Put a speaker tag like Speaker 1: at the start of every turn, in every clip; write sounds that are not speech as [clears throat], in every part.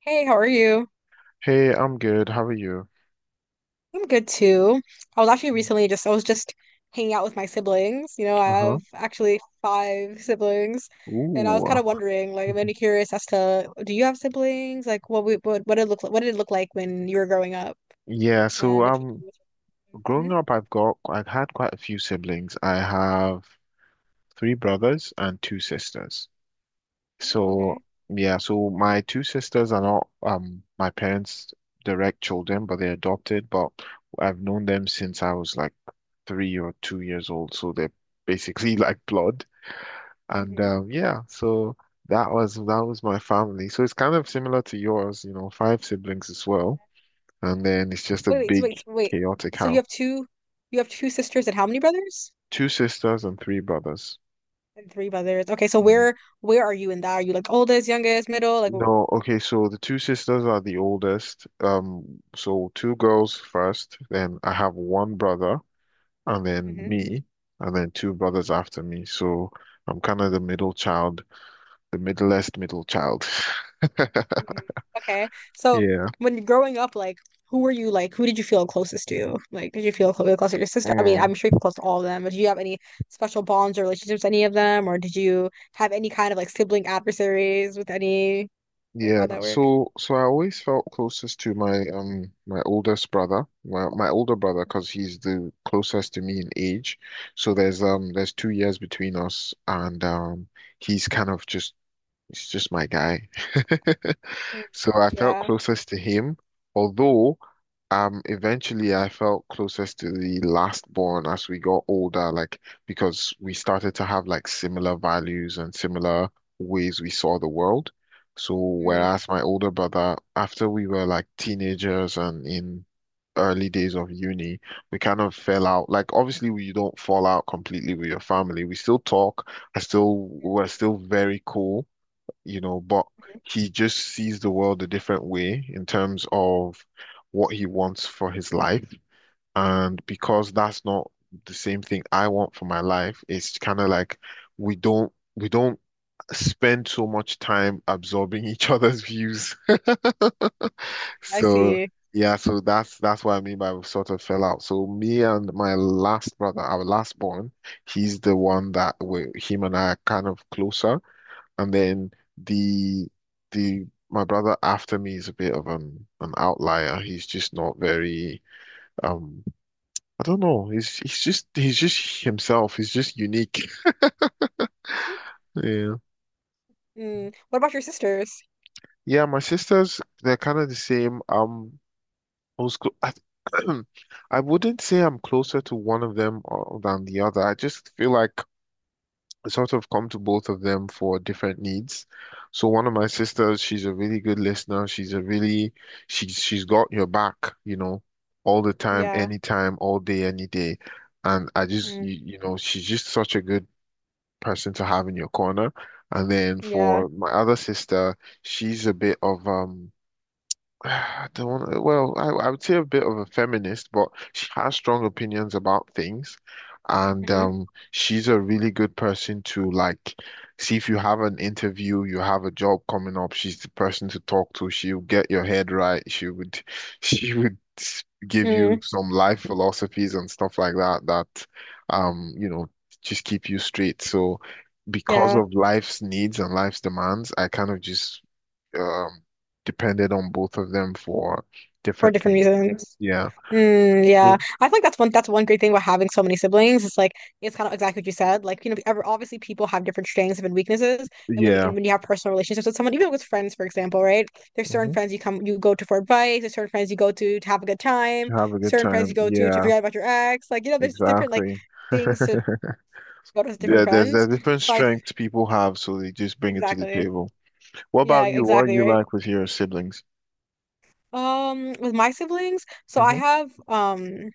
Speaker 1: Hey, how are you?
Speaker 2: Hey, I'm good. How are you?
Speaker 1: I'm good too. I was actually recently just I was just hanging out with my siblings. You know, I
Speaker 2: Uh-huh.
Speaker 1: have actually five siblings, and I was kind
Speaker 2: Ooh.
Speaker 1: of wondering, like, I'm really
Speaker 2: [laughs]
Speaker 1: curious as to do you have siblings? Like, what did it look like when you were growing up,
Speaker 2: Yeah, so
Speaker 1: and if
Speaker 2: um
Speaker 1: you. Can.
Speaker 2: growing
Speaker 1: Mhm.
Speaker 2: up I've had quite a few siblings. I have three brothers and two sisters.
Speaker 1: Oh,
Speaker 2: So
Speaker 1: okay.
Speaker 2: yeah, so my two sisters are not my parents' direct children, but they're adopted, but I've known them since I was like 3 or 2 years old, so they're basically [laughs] like blood. And
Speaker 1: Hmm.
Speaker 2: yeah, so that was my family. So it's kind of similar to yours, you know, five siblings as well. And then it's just a
Speaker 1: Wait, wait, so
Speaker 2: big
Speaker 1: wait, so wait.
Speaker 2: chaotic
Speaker 1: So
Speaker 2: house.
Speaker 1: you have two sisters and how many brothers?
Speaker 2: Two sisters and three brothers.
Speaker 1: And three brothers. Okay, so
Speaker 2: Mm.
Speaker 1: where are you in that? Are you like oldest, youngest, middle?
Speaker 2: No, okay, so the two sisters are the oldest. So two girls first, then I have one brother, and then
Speaker 1: Like,
Speaker 2: me, and then two brothers after me. So I'm kind of the middle child, the middlest middle child. [laughs]
Speaker 1: mm, okay. So
Speaker 2: Yeah.
Speaker 1: when growing up, like who did you feel closest to? Like did you feel close to your sister? I mean, I'm
Speaker 2: Mm.
Speaker 1: sure you're close to all of them, but do you have any special bonds or relationships with any of them? Or did you have any kind of like sibling adversaries with any, like,
Speaker 2: Yeah,
Speaker 1: how'd that work?
Speaker 2: so so I always felt closest to my my oldest brother, my older brother, because he's the closest to me in age. So there's 2 years between us, and he's kind of just he's just my guy. [laughs]
Speaker 1: Mm,
Speaker 2: So I felt
Speaker 1: yeah.
Speaker 2: closest to him, although eventually I felt closest to the last born as we got older, like because we started to have like similar values and similar ways we saw the world. So
Speaker 1: Mm,
Speaker 2: whereas my older brother, after we were like teenagers and in early days of uni, we kind of fell out. Like obviously we don't fall out completely with your family. We still talk. I still
Speaker 1: yeah.
Speaker 2: we're still very cool, you know, but
Speaker 1: Mhm.
Speaker 2: he just sees the world a different way in terms of what he wants for his life. And because that's not the same thing I want for my life, it's kind of like we don't spend so much time absorbing [laughs] each other's views. [laughs]
Speaker 1: I
Speaker 2: So
Speaker 1: see.
Speaker 2: yeah, so that's what I mean by we sort of fell out. So me and my last brother, our last born, he's the one that we him and I are kind of closer, and then the the my brother after me is a bit of an outlier. He's just not very um I don't know. He's just himself. He's just unique. Yeah.
Speaker 1: Mm. What about your sisters?
Speaker 2: Yeah, my sisters, they're kind of the same. I was clo- I, [clears throat] I wouldn't say I'm closer to one of them, than the other. I just feel like sort of come to both of them for different needs. So one of my sisters, she's a really good listener. She's a really she's got your back, you know, all the time,
Speaker 1: Yeah.
Speaker 2: anytime, all day, any day. And
Speaker 1: Mm.
Speaker 2: you know, she's just such a good person to have in your corner. And then
Speaker 1: Yeah.
Speaker 2: for my other sister, she's a bit of [sighs] I don't want well, I would say a bit of a feminist, but she has strong opinions about things. And
Speaker 1: Hmm.
Speaker 2: she's a really good person to, like, see if you have an interview, you have a job coming up, she's the person to talk to. She'll get your head right. She would [laughs] give you
Speaker 1: Mm.
Speaker 2: some life philosophies and stuff like that that you know, just keep you straight. So because
Speaker 1: Yeah.
Speaker 2: of life's needs and life's demands, I kind of just um, depended on both of them for
Speaker 1: For
Speaker 2: different
Speaker 1: different
Speaker 2: things.
Speaker 1: reasons.
Speaker 2: Yeah.
Speaker 1: Mm, yeah,
Speaker 2: So,
Speaker 1: I think that's one great thing about having so many siblings. It's like it's kind of exactly what you said. Like, you know, obviously people have different strengths and weaknesses, and when
Speaker 2: yeah.
Speaker 1: and when you have personal relationships with someone, even with friends, for example, right? There's certain
Speaker 2: Hmm.
Speaker 1: friends you come you go to for advice. There's certain friends you go to have a good
Speaker 2: To
Speaker 1: time.
Speaker 2: have a good
Speaker 1: Certain friends you
Speaker 2: time.
Speaker 1: go to
Speaker 2: Yeah,
Speaker 1: forget about your ex. Like, you know, there's different like
Speaker 2: exactly.
Speaker 1: things to
Speaker 2: [laughs]
Speaker 1: go to with different
Speaker 2: Yeah, there's
Speaker 1: friends.
Speaker 2: there's different
Speaker 1: So I
Speaker 2: strengths people have, so they just bring it to the
Speaker 1: exactly
Speaker 2: table. What
Speaker 1: yeah,
Speaker 2: about you? What are
Speaker 1: exactly,
Speaker 2: you
Speaker 1: right.
Speaker 2: like with your siblings?
Speaker 1: With my siblings, so I
Speaker 2: Hmm.
Speaker 1: have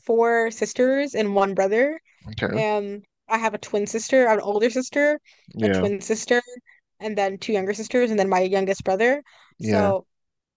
Speaker 1: four sisters and one brother.
Speaker 2: Okay.
Speaker 1: I have a twin sister, I have an older sister, a
Speaker 2: Yeah.
Speaker 1: twin sister, and then two younger sisters, and then my youngest brother.
Speaker 2: Yeah.
Speaker 1: So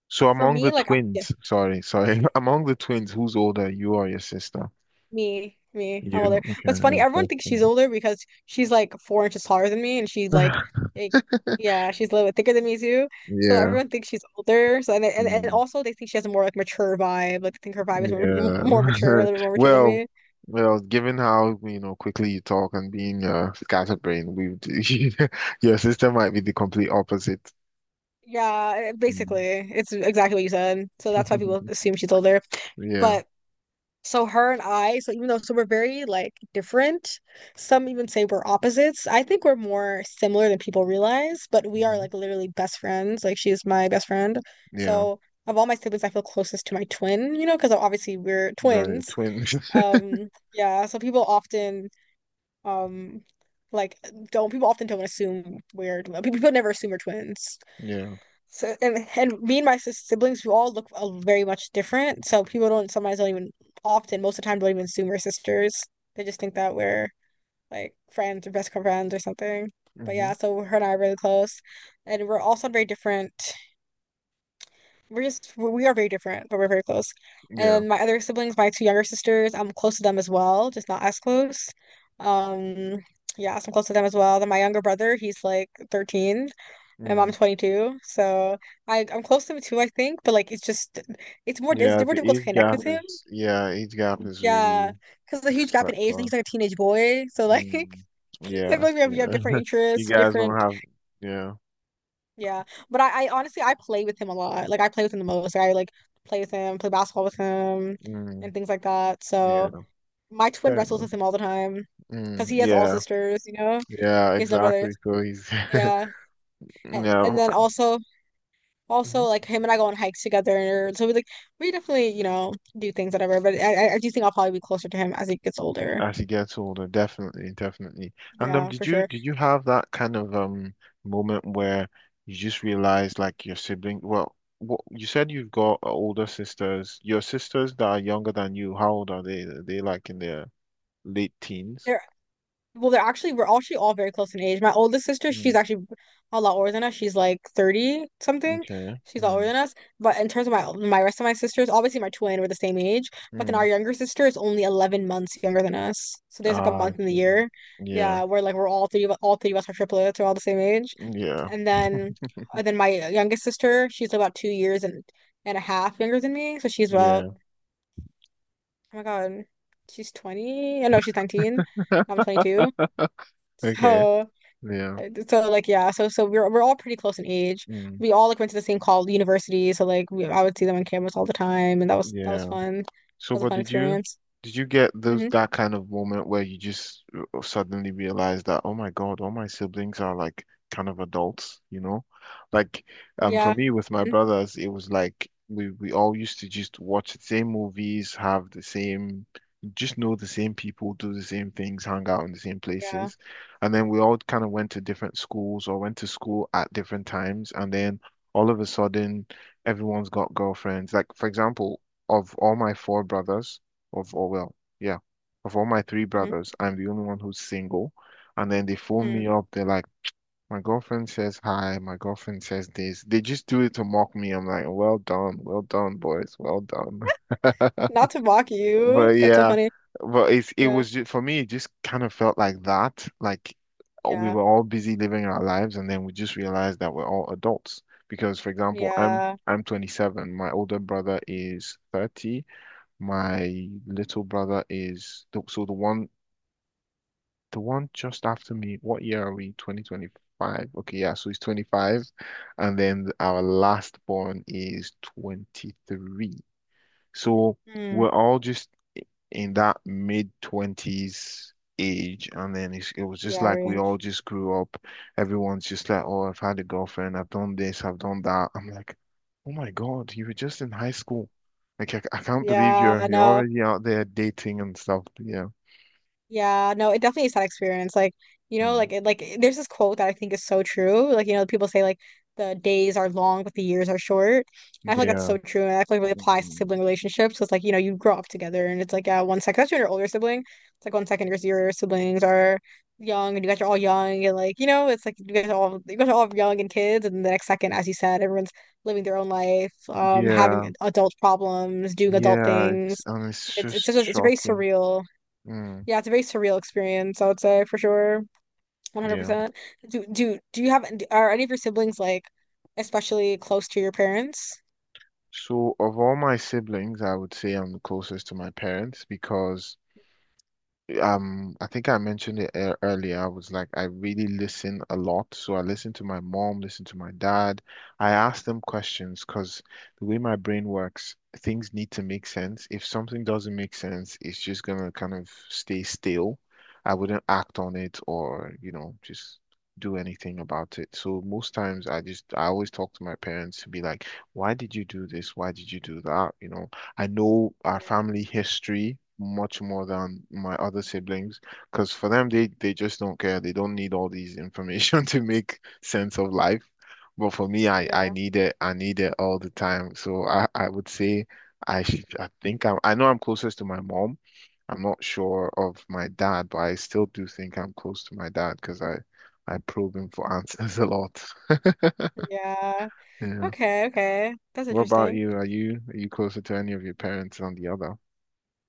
Speaker 2: So
Speaker 1: for
Speaker 2: among the
Speaker 1: me,
Speaker 2: twins, [laughs] among the twins, who's older, you or your sister?
Speaker 1: me, I'm older.
Speaker 2: You. Okay.
Speaker 1: What's funny,
Speaker 2: Yeah.
Speaker 1: everyone
Speaker 2: First
Speaker 1: thinks she's
Speaker 2: one.
Speaker 1: older because she's like 4 inches taller than me, and she's like yeah, she's a little bit thicker than me too.
Speaker 2: [laughs]
Speaker 1: So
Speaker 2: Yeah.
Speaker 1: everyone thinks she's older. So and also they think she has a more like mature vibe. Like they think her vibe is
Speaker 2: Yeah.
Speaker 1: more mature, a little bit more
Speaker 2: [laughs]
Speaker 1: mature than
Speaker 2: Well,
Speaker 1: me.
Speaker 2: given how, you know, quickly you talk and being scatterbrained, [laughs] your sister might be the complete opposite.
Speaker 1: Yeah,
Speaker 2: Mm.
Speaker 1: basically, it's exactly what you said. So that's why people
Speaker 2: [laughs]
Speaker 1: assume she's older.
Speaker 2: Yeah.
Speaker 1: But so her and I, so even though so we're very like different, some even say we're opposites. I think we're more similar than people realize, but we are
Speaker 2: Hmm.
Speaker 1: like literally best friends. Like she's my best friend.
Speaker 2: Yeah.
Speaker 1: So of all my siblings, I feel closest to my twin, you know, because obviously we're
Speaker 2: Right.
Speaker 1: twins.
Speaker 2: Twin. [laughs]
Speaker 1: Yeah, so people often um like don't assume we're people never assume we're twins.
Speaker 2: Yeah.
Speaker 1: So and me and my siblings, we all look very much different. So people don't even often most of the time don't even assume we're sisters. They just think that we're like friends or best friends or something. But
Speaker 2: Hmm.
Speaker 1: yeah, so her and I are really close, and we're also on very different, we're just we are very different, but we're very close.
Speaker 2: Yeah.
Speaker 1: And my other siblings, my two younger sisters, I'm close to them as well, just not as close. Um, yeah, so I'm close to them as well. Then my younger brother, he's like 13, and I'm
Speaker 2: Mm.
Speaker 1: 22, so I'm close to him too, I think. But like, it's just it's more difficult to connect with him.
Speaker 2: Yeah, age gap is
Speaker 1: Yeah,
Speaker 2: really
Speaker 1: because there's a huge gap in
Speaker 2: quite
Speaker 1: age, and
Speaker 2: far.
Speaker 1: he's like a teenage boy, so like [laughs] I
Speaker 2: Mm.
Speaker 1: feel
Speaker 2: Yeah,
Speaker 1: like we have
Speaker 2: yeah.
Speaker 1: different
Speaker 2: [laughs] You
Speaker 1: interests,
Speaker 2: guys don't
Speaker 1: different,
Speaker 2: have yeah.
Speaker 1: yeah, but I honestly I play with him a lot. Like I play with him the most. Like, I like play with him, play basketball with him,
Speaker 2: Mm.
Speaker 1: and things like that.
Speaker 2: Yeah.
Speaker 1: So my twin
Speaker 2: Fair
Speaker 1: wrestles
Speaker 2: enough.
Speaker 1: with him all the time because
Speaker 2: Mm.
Speaker 1: he has all
Speaker 2: Yeah.
Speaker 1: sisters. You know,
Speaker 2: Yeah,
Speaker 1: he has no
Speaker 2: exactly.
Speaker 1: brothers.
Speaker 2: So he's,
Speaker 1: Yeah,
Speaker 2: [laughs] you
Speaker 1: and
Speaker 2: know,
Speaker 1: then also also
Speaker 2: Mhm.
Speaker 1: like him and I go on hikes together. So we like we definitely, you know, do things whatever. But I do think I'll probably be closer to him as he gets older.
Speaker 2: as he gets older, definitely, definitely. And
Speaker 1: Yeah,
Speaker 2: did
Speaker 1: for sure.
Speaker 2: you have that kind of moment where you just realized like your sibling? Well, what you said, you've got older sisters. Your sisters that are younger than you, how old are they? Are they like in their late teens?
Speaker 1: There Well, they're actually we're actually all very close in age. My oldest sister, she's
Speaker 2: Mm,
Speaker 1: actually a lot older than us. She's like 30 something.
Speaker 2: okay.
Speaker 1: She's a lot older
Speaker 2: Mm,
Speaker 1: than us. But in terms of my, my rest of my sisters, obviously my twin were the same age, but then
Speaker 2: mm.
Speaker 1: our younger sister is only 11 months younger than us. So there's like a
Speaker 2: Ah, I
Speaker 1: month in the
Speaker 2: see.
Speaker 1: year.
Speaker 2: Yeah,
Speaker 1: Yeah, where like we're all three of us are triplets, we're all the same age.
Speaker 2: yeah,
Speaker 1: And then my youngest sister, she's about 2 years and a half younger than me. So she's about,
Speaker 2: yeah.
Speaker 1: oh my God, she's 20. I know she's 19. I'm 22.
Speaker 2: Okay.
Speaker 1: So
Speaker 2: Yeah.
Speaker 1: so like yeah, so we're all pretty close in age.
Speaker 2: Mm,
Speaker 1: We all like went to the same college university, so like I would see them on campus all the time, and that was
Speaker 2: yeah.
Speaker 1: fun. That
Speaker 2: So,
Speaker 1: was a
Speaker 2: but
Speaker 1: fun experience.
Speaker 2: did you get those
Speaker 1: Hmm.
Speaker 2: that kind of moment where you just suddenly realize that, oh my God, all my siblings are like kind of adults, you know? Like, for
Speaker 1: Yeah.
Speaker 2: me with my
Speaker 1: Hmm.
Speaker 2: brothers, it was like we all used to just watch the same movies, have the same, just know the same people, do the same things, hang out in the same
Speaker 1: Yeah.
Speaker 2: places, and then we all kind of went to different schools or went to school at different times, and then all of a sudden everyone's got girlfriends. Like, for example, of all my four brothers, of all, well, yeah, of all my three
Speaker 1: Hmm.
Speaker 2: brothers, I'm the only one who's single. And then they phone
Speaker 1: Mm.
Speaker 2: me up. They're like, my girlfriend says hi, my girlfriend says this. They just do it to mock me. I'm like, well done, boys, well done. [laughs]
Speaker 1: Not to mock you.
Speaker 2: But
Speaker 1: That's so
Speaker 2: yeah,
Speaker 1: funny.
Speaker 2: but it's
Speaker 1: Yeah.
Speaker 2: for me, it just kind of felt like that. Like we
Speaker 1: Yeah.
Speaker 2: were all busy living our lives, and then we just realized that we're all adults. Because, for example, I'm
Speaker 1: Yeah.
Speaker 2: I'm 27, my older brother is 30, my little brother is the- so the one just after me. What year are we? 2025. Okay, yeah, so he's 25. And then our last born is 23. So
Speaker 1: Mm.
Speaker 2: we're all just in that mid 20s age, and then it's, it was just
Speaker 1: Yeah.
Speaker 2: like we all
Speaker 1: Range.
Speaker 2: just grew up, everyone's just like, oh, I've had a girlfriend, I've done this, I've done that. I'm like, oh my God, you were just in high school. Like I can't believe
Speaker 1: Yeah.
Speaker 2: you're
Speaker 1: No.
Speaker 2: already out there dating and stuff. Yeah.
Speaker 1: Yeah, no, it definitely is that experience. Like, you know,
Speaker 2: Mm.
Speaker 1: there's this quote that I think is so true. Like, you know, people say like the days are long, but the years are short. And I feel like that's
Speaker 2: Yeah.
Speaker 1: so true, and I feel like it really applies to
Speaker 2: Mm.
Speaker 1: sibling relationships. 'Cause, like, you know, you grow up together, and it's like yeah, one second, especially when you're an older sibling, it's like one second your siblings are young, and you guys are all young, and like you know, it's like you guys are all young and kids, and the next second, as you said, everyone's living their own life,
Speaker 2: Yeah.
Speaker 1: having adult problems, doing adult
Speaker 2: Yeah it's,
Speaker 1: things.
Speaker 2: and it's just
Speaker 1: It's a very
Speaker 2: shocking.
Speaker 1: surreal.
Speaker 2: Mm.
Speaker 1: Yeah, it's a very surreal experience, I would say for sure.
Speaker 2: Yeah,
Speaker 1: 100%. Do you are any of your siblings like especially close to your parents?
Speaker 2: so of all my siblings, I would say I'm the closest to my parents because I think I mentioned it earlier. I was like, I really listen a lot. So I listen to my mom, listen to my dad. I ask them questions because the way my brain works, things need to make sense. If something doesn't make sense, it's just gonna kind of stay still. I wouldn't act on it or, you know, just do anything about it. So most times I always talk to my parents to be like, why did you do this? Why did you do that? You know, I know our
Speaker 1: Yeah,
Speaker 2: family history much more than my other siblings because for them they just don't care. They don't need all these information [laughs] to make sense of life. But for me, I
Speaker 1: yeah,
Speaker 2: need it. I need it all the time. So I would say I think I know I'm closest to my mom. I'm not sure of my dad, but I still do think I'm close to my dad because I probe him for answers [laughs] a lot.
Speaker 1: yeah.
Speaker 2: Yeah.
Speaker 1: Okay, okay. That's
Speaker 2: What about
Speaker 1: interesting.
Speaker 2: you? Are you closer to any of your parents than the other?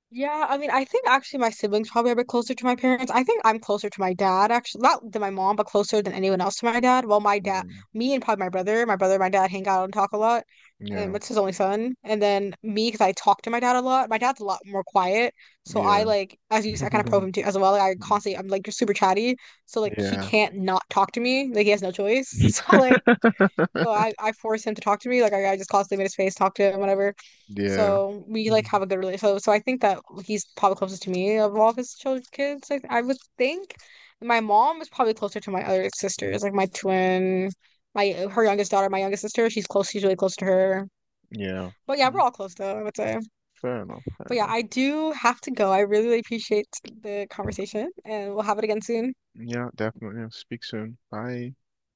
Speaker 1: Yeah, I mean, I think actually my siblings probably are a bit closer to my parents. I think I'm closer to my dad, actually, not than my mom, but closer than anyone else to my dad. Well, my dad,
Speaker 2: Mm.
Speaker 1: me and probably my brother and my dad hang out and talk a lot. And
Speaker 2: Yeah,
Speaker 1: it's his only son. And then me, because I talk to my dad a lot. My dad's a lot more quiet. So I
Speaker 2: yeah,
Speaker 1: like, as you
Speaker 2: [laughs]
Speaker 1: said, I kind of probe
Speaker 2: yeah,
Speaker 1: him too as well. Like, I constantly, I'm like, you're super chatty. So like, he
Speaker 2: yeah,
Speaker 1: can't not talk to me. Like, he has no choice. [laughs] So like, so I force him to talk to me. Like I just constantly made his face talk to him, whatever. So we like
Speaker 2: Mhm.
Speaker 1: have a good relationship. So, so I think that he's probably closest to me of all of his children, kids. I would think my mom is probably closer to my other sisters, like my twin, my her youngest daughter, my youngest sister. She's close. She's really close to her.
Speaker 2: yeah.
Speaker 1: But yeah,
Speaker 2: Yeah.
Speaker 1: we're all close though, I would say.
Speaker 2: Fair enough, fair
Speaker 1: But yeah,
Speaker 2: enough.
Speaker 1: I do have to go. I really appreciate the conversation, and we'll have it again soon.
Speaker 2: Yeah, definitely. I'll speak soon. Bye.